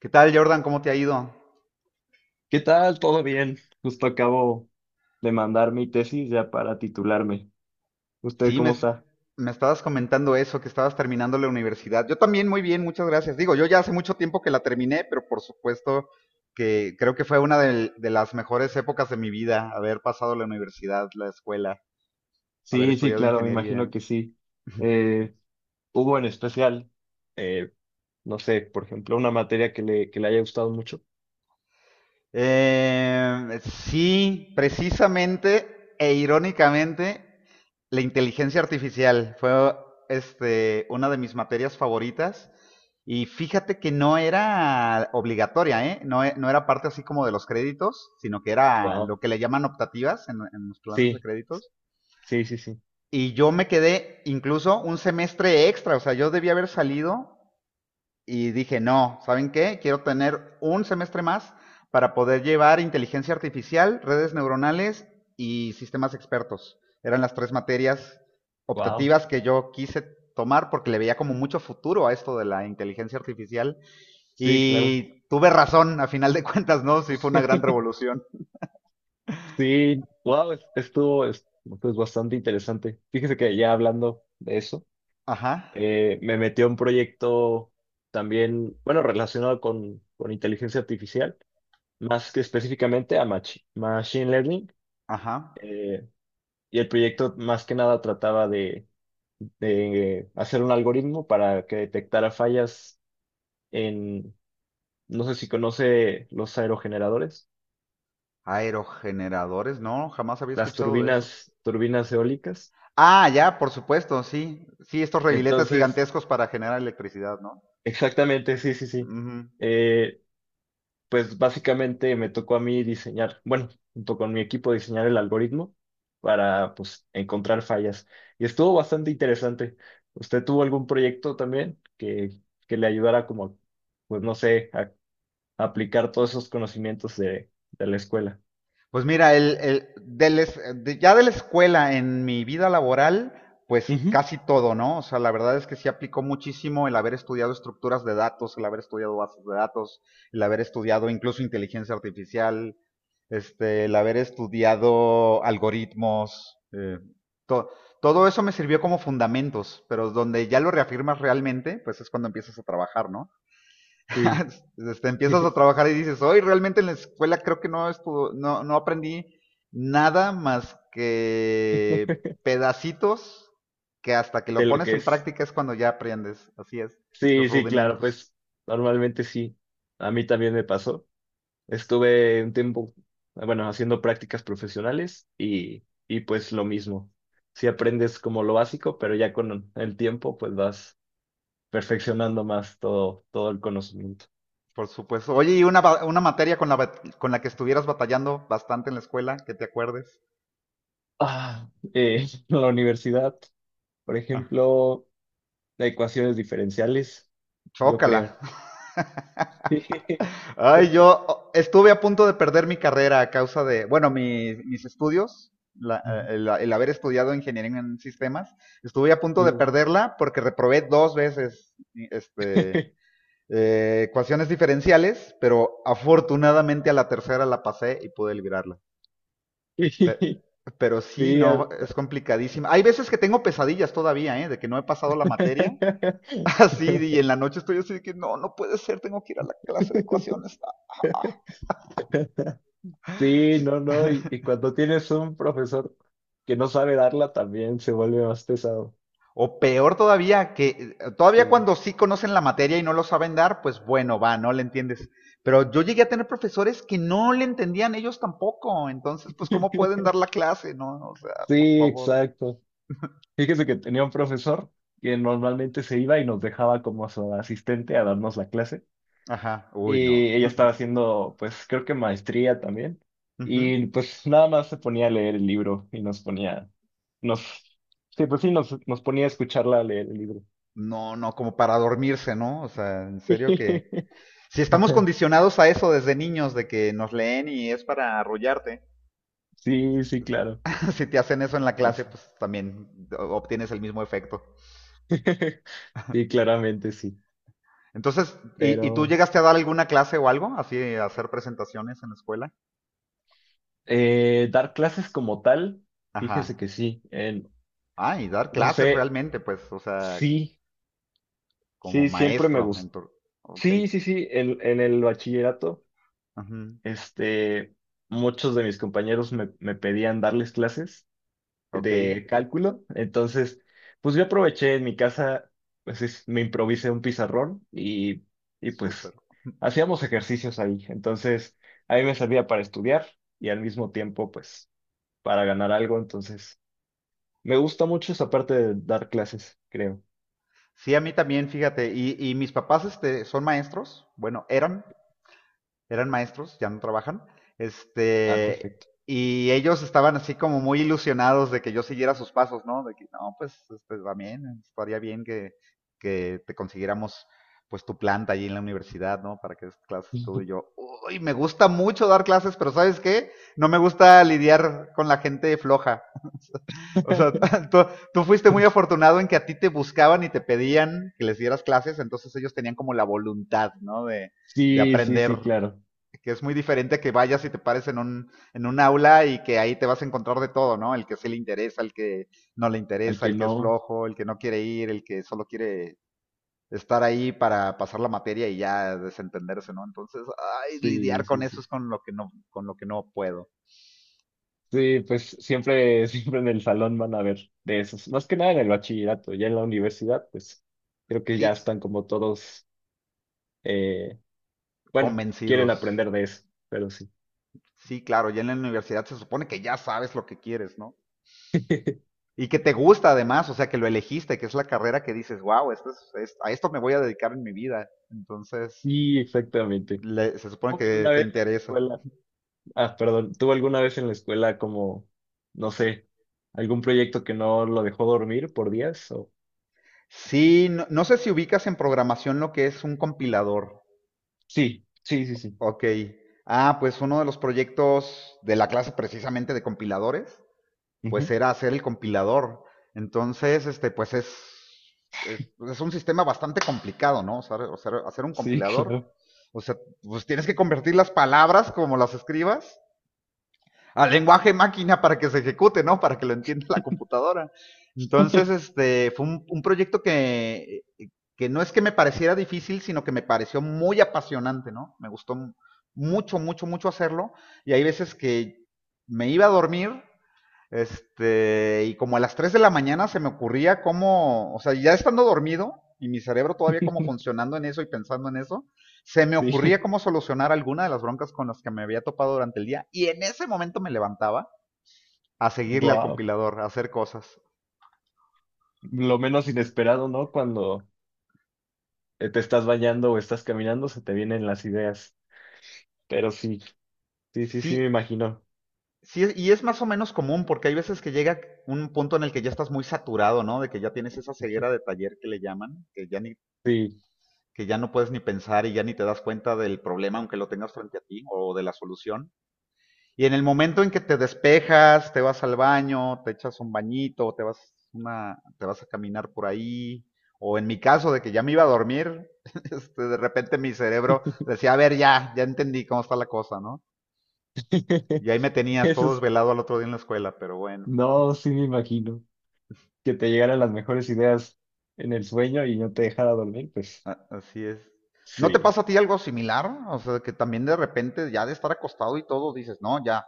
¿Qué tal, Jordan? ¿Cómo te ha ido? ¿Qué tal? ¿Todo bien? Justo acabo de mandar mi tesis ya para titularme. ¿Usted Sí, cómo me, está? me estabas comentando eso, que estabas terminando la universidad. Yo también muy bien, muchas gracias. Digo, yo ya hace mucho tiempo que la terminé, pero por supuesto que creo que fue de las mejores épocas de mi vida, haber pasado la universidad, la escuela, haber Sí, sí, estudiado claro, me ingeniería. imagino que sí. Eh, Hubo en especial, eh, no sé, por ejemplo, una materia que le haya gustado mucho. Sí, precisamente e irónicamente, la inteligencia artificial fue una de mis materias favoritas. Y fíjate que no era obligatoria, ¿eh? No, no era parte así como de los créditos, sino que era Wow. lo que le llaman optativas en los planes de Sí, créditos. sí, sí, sí. Y yo me quedé incluso un semestre extra, o sea, yo debía haber salido y dije, no, ¿saben qué? Quiero tener un semestre más para poder llevar inteligencia artificial, redes neuronales y sistemas expertos. Eran las tres materias Wow. optativas que yo quise tomar porque le veía como mucho futuro a esto de la inteligencia artificial. Sí, claro. Y tuve razón, a final de cuentas, ¿no? Sí, fue una gran revolución. Sí, wow, estuvo es, pues, bastante interesante. Fíjese que ya hablando de eso, Ajá, me metí a un proyecto también, bueno, relacionado con inteligencia artificial. Más que específicamente a Machine Learning. ajá. eh, y el proyecto más que nada trataba de hacer un algoritmo para que detectara fallas en, no sé si conoce los aerogeneradores, Aerogeneradores, no, jamás había las escuchado de eso. turbinas, turbinas eólicas. Ah, ya, por supuesto, sí. Sí, estos reguiletes Entonces, gigantescos para generar electricidad, ¿no? exactamente, sí, sí, sí. Ujú. Eh, pues básicamente me tocó a mí diseñar, bueno, junto con mi equipo diseñar el algoritmo para pues encontrar fallas. Y estuvo bastante interesante. ¿Usted tuvo algún proyecto también que le ayudara como, pues no sé, a aplicar todos esos conocimientos de la escuela? Pues mira, el- de la es- de- ya de la escuela en mi vida laboral, pues Ujú, casi todo, ¿no? O sea, la verdad es que sí aplicó muchísimo el haber estudiado estructuras de datos, el haber estudiado bases de datos, el haber estudiado incluso inteligencia artificial, el haber estudiado algoritmos, to- todo eso me sirvió como fundamentos, pero donde ya lo reafirmas realmente, pues es cuando empiezas a trabajar, ¿no? sí. Empiezas a trabajar y dices, hoy realmente en la escuela creo que no, estuvo, no, no aprendí nada más que pedacitos que hasta que lo De lo pones que en es. práctica es cuando ya aprendes. Así es, los Sí, sí, claro, rudimentos, pues normalmente sí. A mí también me pasó. Estuve un tiempo, bueno, haciendo prácticas profesionales y pues lo mismo. Si aprendes como lo básico, pero ya con el tiempo pues vas perfeccionando más todo, todo el conocimiento. por supuesto. Oye, ¿y una materia con con la que estuvieras batallando bastante en la escuela, que te acuerdes? Ah, la universidad, por Ah, ejemplo, de ecuaciones diferenciales, yo Chócala. creo. Ay, estuve a punto de perder mi carrera a causa de, bueno, mis estudios, el haber estudiado ingeniería en sistemas, estuve a punto de Sí. perderla porque reprobé dos veces este, ecuaciones diferenciales, pero afortunadamente a la tercera la pasé y pude librarla. Pe- Sí. Pero, sí, Sí, no, es complicadísima. Hay veces que tengo pesadillas todavía, ¿eh? De que no he pasado la materia. Así, y en la noche estoy así de que no, no puede ser, tengo que ir a la clase de ecuaciones. sí, no, no, y cuando tienes un profesor que no sabe darla también se vuelve más pesado. O peor todavía, que todavía Sí, cuando sí conocen la materia y no lo saben dar, pues bueno, va, no le entiendes. Pero yo llegué a tener profesores que no le entendían ellos tampoco. Entonces, pues, ¿cómo pueden dar la clase? No, o sea, por sí, favor. exacto. Fíjese que tenía un profesor que normalmente se iba y nos dejaba como su asistente a darnos la clase Ajá, uy, no. y ella estaba haciendo, pues creo que maestría también Ujú. y pues nada más se ponía a leer el libro y nos ponía, nos, sí, pues sí, nos ponía a escucharla leer el libro. No, no, como para dormirse, ¿no? O sea, en serio que... Si estamos condicionados a eso desde niños, de que nos leen y es para arrullarte, Sí, sí, claro, si te hacen eso en la pero clase, sí. pues también obtienes el mismo efecto. Sí, claramente sí. Entonces, y tú Pero llegaste a dar alguna clase o algo? Así, a hacer presentaciones en la escuela. Dar clases como tal, Ajá. fíjese que sí. En, Ah, y dar no clases sé, realmente, pues, o sea, sí, como sí, siempre me maestro. En gustó. tu... Ok. Sí, sí, sí, en el bachillerato, Ujú. este, muchos de mis compañeros me pedían darles clases Ok, de cálculo. Entonces, pues yo aproveché en mi casa, pues me improvisé un pizarrón y pues súper. hacíamos ejercicios ahí. Entonces, a mí me servía para estudiar y al mismo tiempo, pues, para ganar algo, entonces me gusta mucho esa parte de dar clases, creo. Sí, a mí también, fíjate. Y mis papás son maestros? Bueno, eran. Eran maestros, ya no trabajan, Ah, este, perfecto. y ellos estaban así como muy ilusionados de que yo siguiera sus pasos, ¿no? De que, no, pues, también, estaría bien que te consiguiéramos pues tu planta allí en la universidad, ¿no? Para que des clases tú y yo. Uy, me gusta mucho dar clases, pero ¿sabes qué? No me gusta lidiar con la gente floja. O sea, tú, tú fuiste muy afortunado en que a ti te buscaban y te pedían que les dieras clases, entonces ellos tenían como la voluntad, ¿no? De Sí, sí, aprender, sí, claro. que es muy diferente a que vayas y te pares en en un aula y que ahí te vas a encontrar de todo, ¿no? El que sí le interesa, el que no le Al interesa, que el que no, es flojo, el que no quiere ir, el que solo quiere estar ahí para pasar la materia y ya desentenderse, ¿no? Entonces, ay, sí, lidiar con sí, eso sí. es con lo que no, con lo que no puedo. Sí, pues siempre, siempre en el salón van a ver de esos. Más que nada en el bachillerato, ya en la universidad, pues creo que Sí, ya están como todos, eh, bueno, quieren convencidos. aprender de eso, pero sí. Sí, claro, ya en la universidad se supone que ya sabes lo que quieres, ¿no? Y que te gusta además, o sea, que lo elegiste, que es la carrera que dices, wow, a esto me voy a dedicar en mi vida. Entonces, Sí, exactamente. Se supone ¿Hubo que alguna te vez en la interesa. escuela? Ah, perdón, ¿tuvo alguna vez en la escuela como, no sé, algún proyecto que no lo dejó dormir por días? O. Sí, no, no sé si ubicas en programación lo que es un compilador. Sí, sí, sí, sí. Ok. Ah, pues uno de los proyectos de la clase precisamente de compiladores, pues Ujú. era hacer el compilador. Entonces, pues es un sistema bastante complicado, ¿no? O sea, hacer un Sí, compilador, claro. o sea, pues tienes que convertir las palabras como las escribas al lenguaje máquina para que se ejecute, ¿no? Para que lo entienda la computadora. Entonces, fue un proyecto que no es que me pareciera difícil, sino que me pareció muy apasionante, ¿no? Me gustó mucho, mucho, mucho hacerlo. Y hay veces que me iba a dormir, y como a las 3 de la mañana se me ocurría cómo, o sea, ya estando dormido y mi cerebro todavía como funcionando en eso y pensando en eso, se me ocurría Sí, cómo solucionar alguna de las broncas con las que me había topado durante el día y en ese momento me levantaba a seguirle al wow. compilador, a hacer cosas. Lo menos inesperado, ¿no? Cuando te estás bañando o estás caminando, se te vienen las ideas. Pero sí, sí, sí, Sí, sí, me imagino. sí, y es más o menos común porque hay veces que llega un punto en el que ya estás muy saturado, ¿no? De que ya tienes esa ceguera de taller que le llaman, Sí. que ya no puedes ni pensar y ya ni te das cuenta del problema aunque lo tengas frente a ti o de la solución. Y en el momento en que te despejas, te vas al baño, te echas un bañito, te vas a caminar por ahí, o en mi caso de que ya me iba a dormir, de repente mi cerebro decía, a ver, ya entendí cómo está la cosa, ¿no? Y ahí me tenías Eso todo es- desvelado al otro día en la escuela, pero bueno, no, sí me imagino. Que te llegaran las mejores ideas en el sueño y no te dejara dormir, pues así es. ¿No te sí. pasa a ti algo similar? O sea, que también de repente ya de estar acostado y todo dices, no, ya,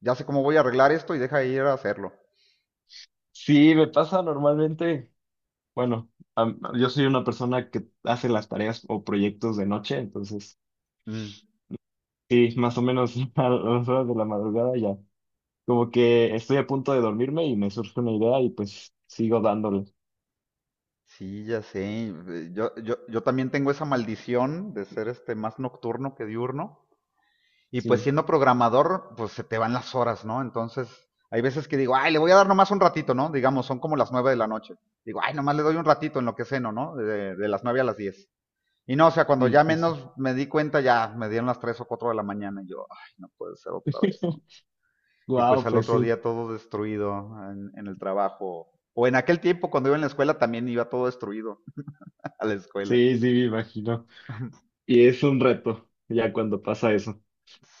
ya sé cómo voy a arreglar esto y deja de ir a hacerlo. Sí, me pasa normalmente, bueno, yo soy una persona que hace las tareas o proyectos de noche, entonces Mm. sí, más o menos a las horas de la madrugada ya, como que estoy a punto de dormirme y me surge una idea y pues sigo dándole. Sí, ya sé. Yo también tengo esa maldición de ser más nocturno que diurno. Y pues Sí, siendo programador, pues se te van las horas, ¿no? Entonces, hay veces que digo, ay, le voy a dar nomás un ratito, ¿no? Digamos, son como las 9 de la noche. Digo, ay, nomás le doy un ratito en lo que ceno, ¿no? De las 9 a las 10. Y no, o sea, cuando sí, ya sí, sí. menos me di cuenta, ya me dieron las 3 o 4 de la mañana. Y yo, ay, no puede ser otra vez, ¿no? Y pues Wow, al pues otro sí, día todo destruido en el trabajo. O en aquel tiempo, cuando iba en la escuela, también iba todo destruido a la escuela. sí, sí, me imagino. Y es un reto ya cuando pasa eso.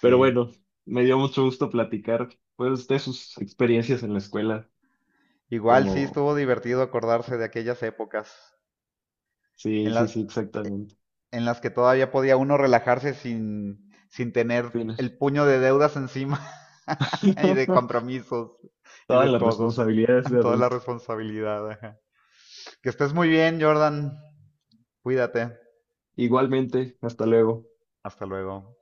Pero bueno, me dio mucho gusto platicar pues de sus experiencias en la escuela, igual sí como, estuvo divertido acordarse de aquellas épocas sí, en la- sí, sí, exactamente. en las que todavía podía uno relajarse sin, sin tener Fines. el puño de deudas encima y de compromisos y Todas de las todo, responsabilidades de toda la adulto. responsabilidad. Ajá. Que estés muy bien, Jordan. Cuídate. Igualmente, hasta luego. Hasta luego.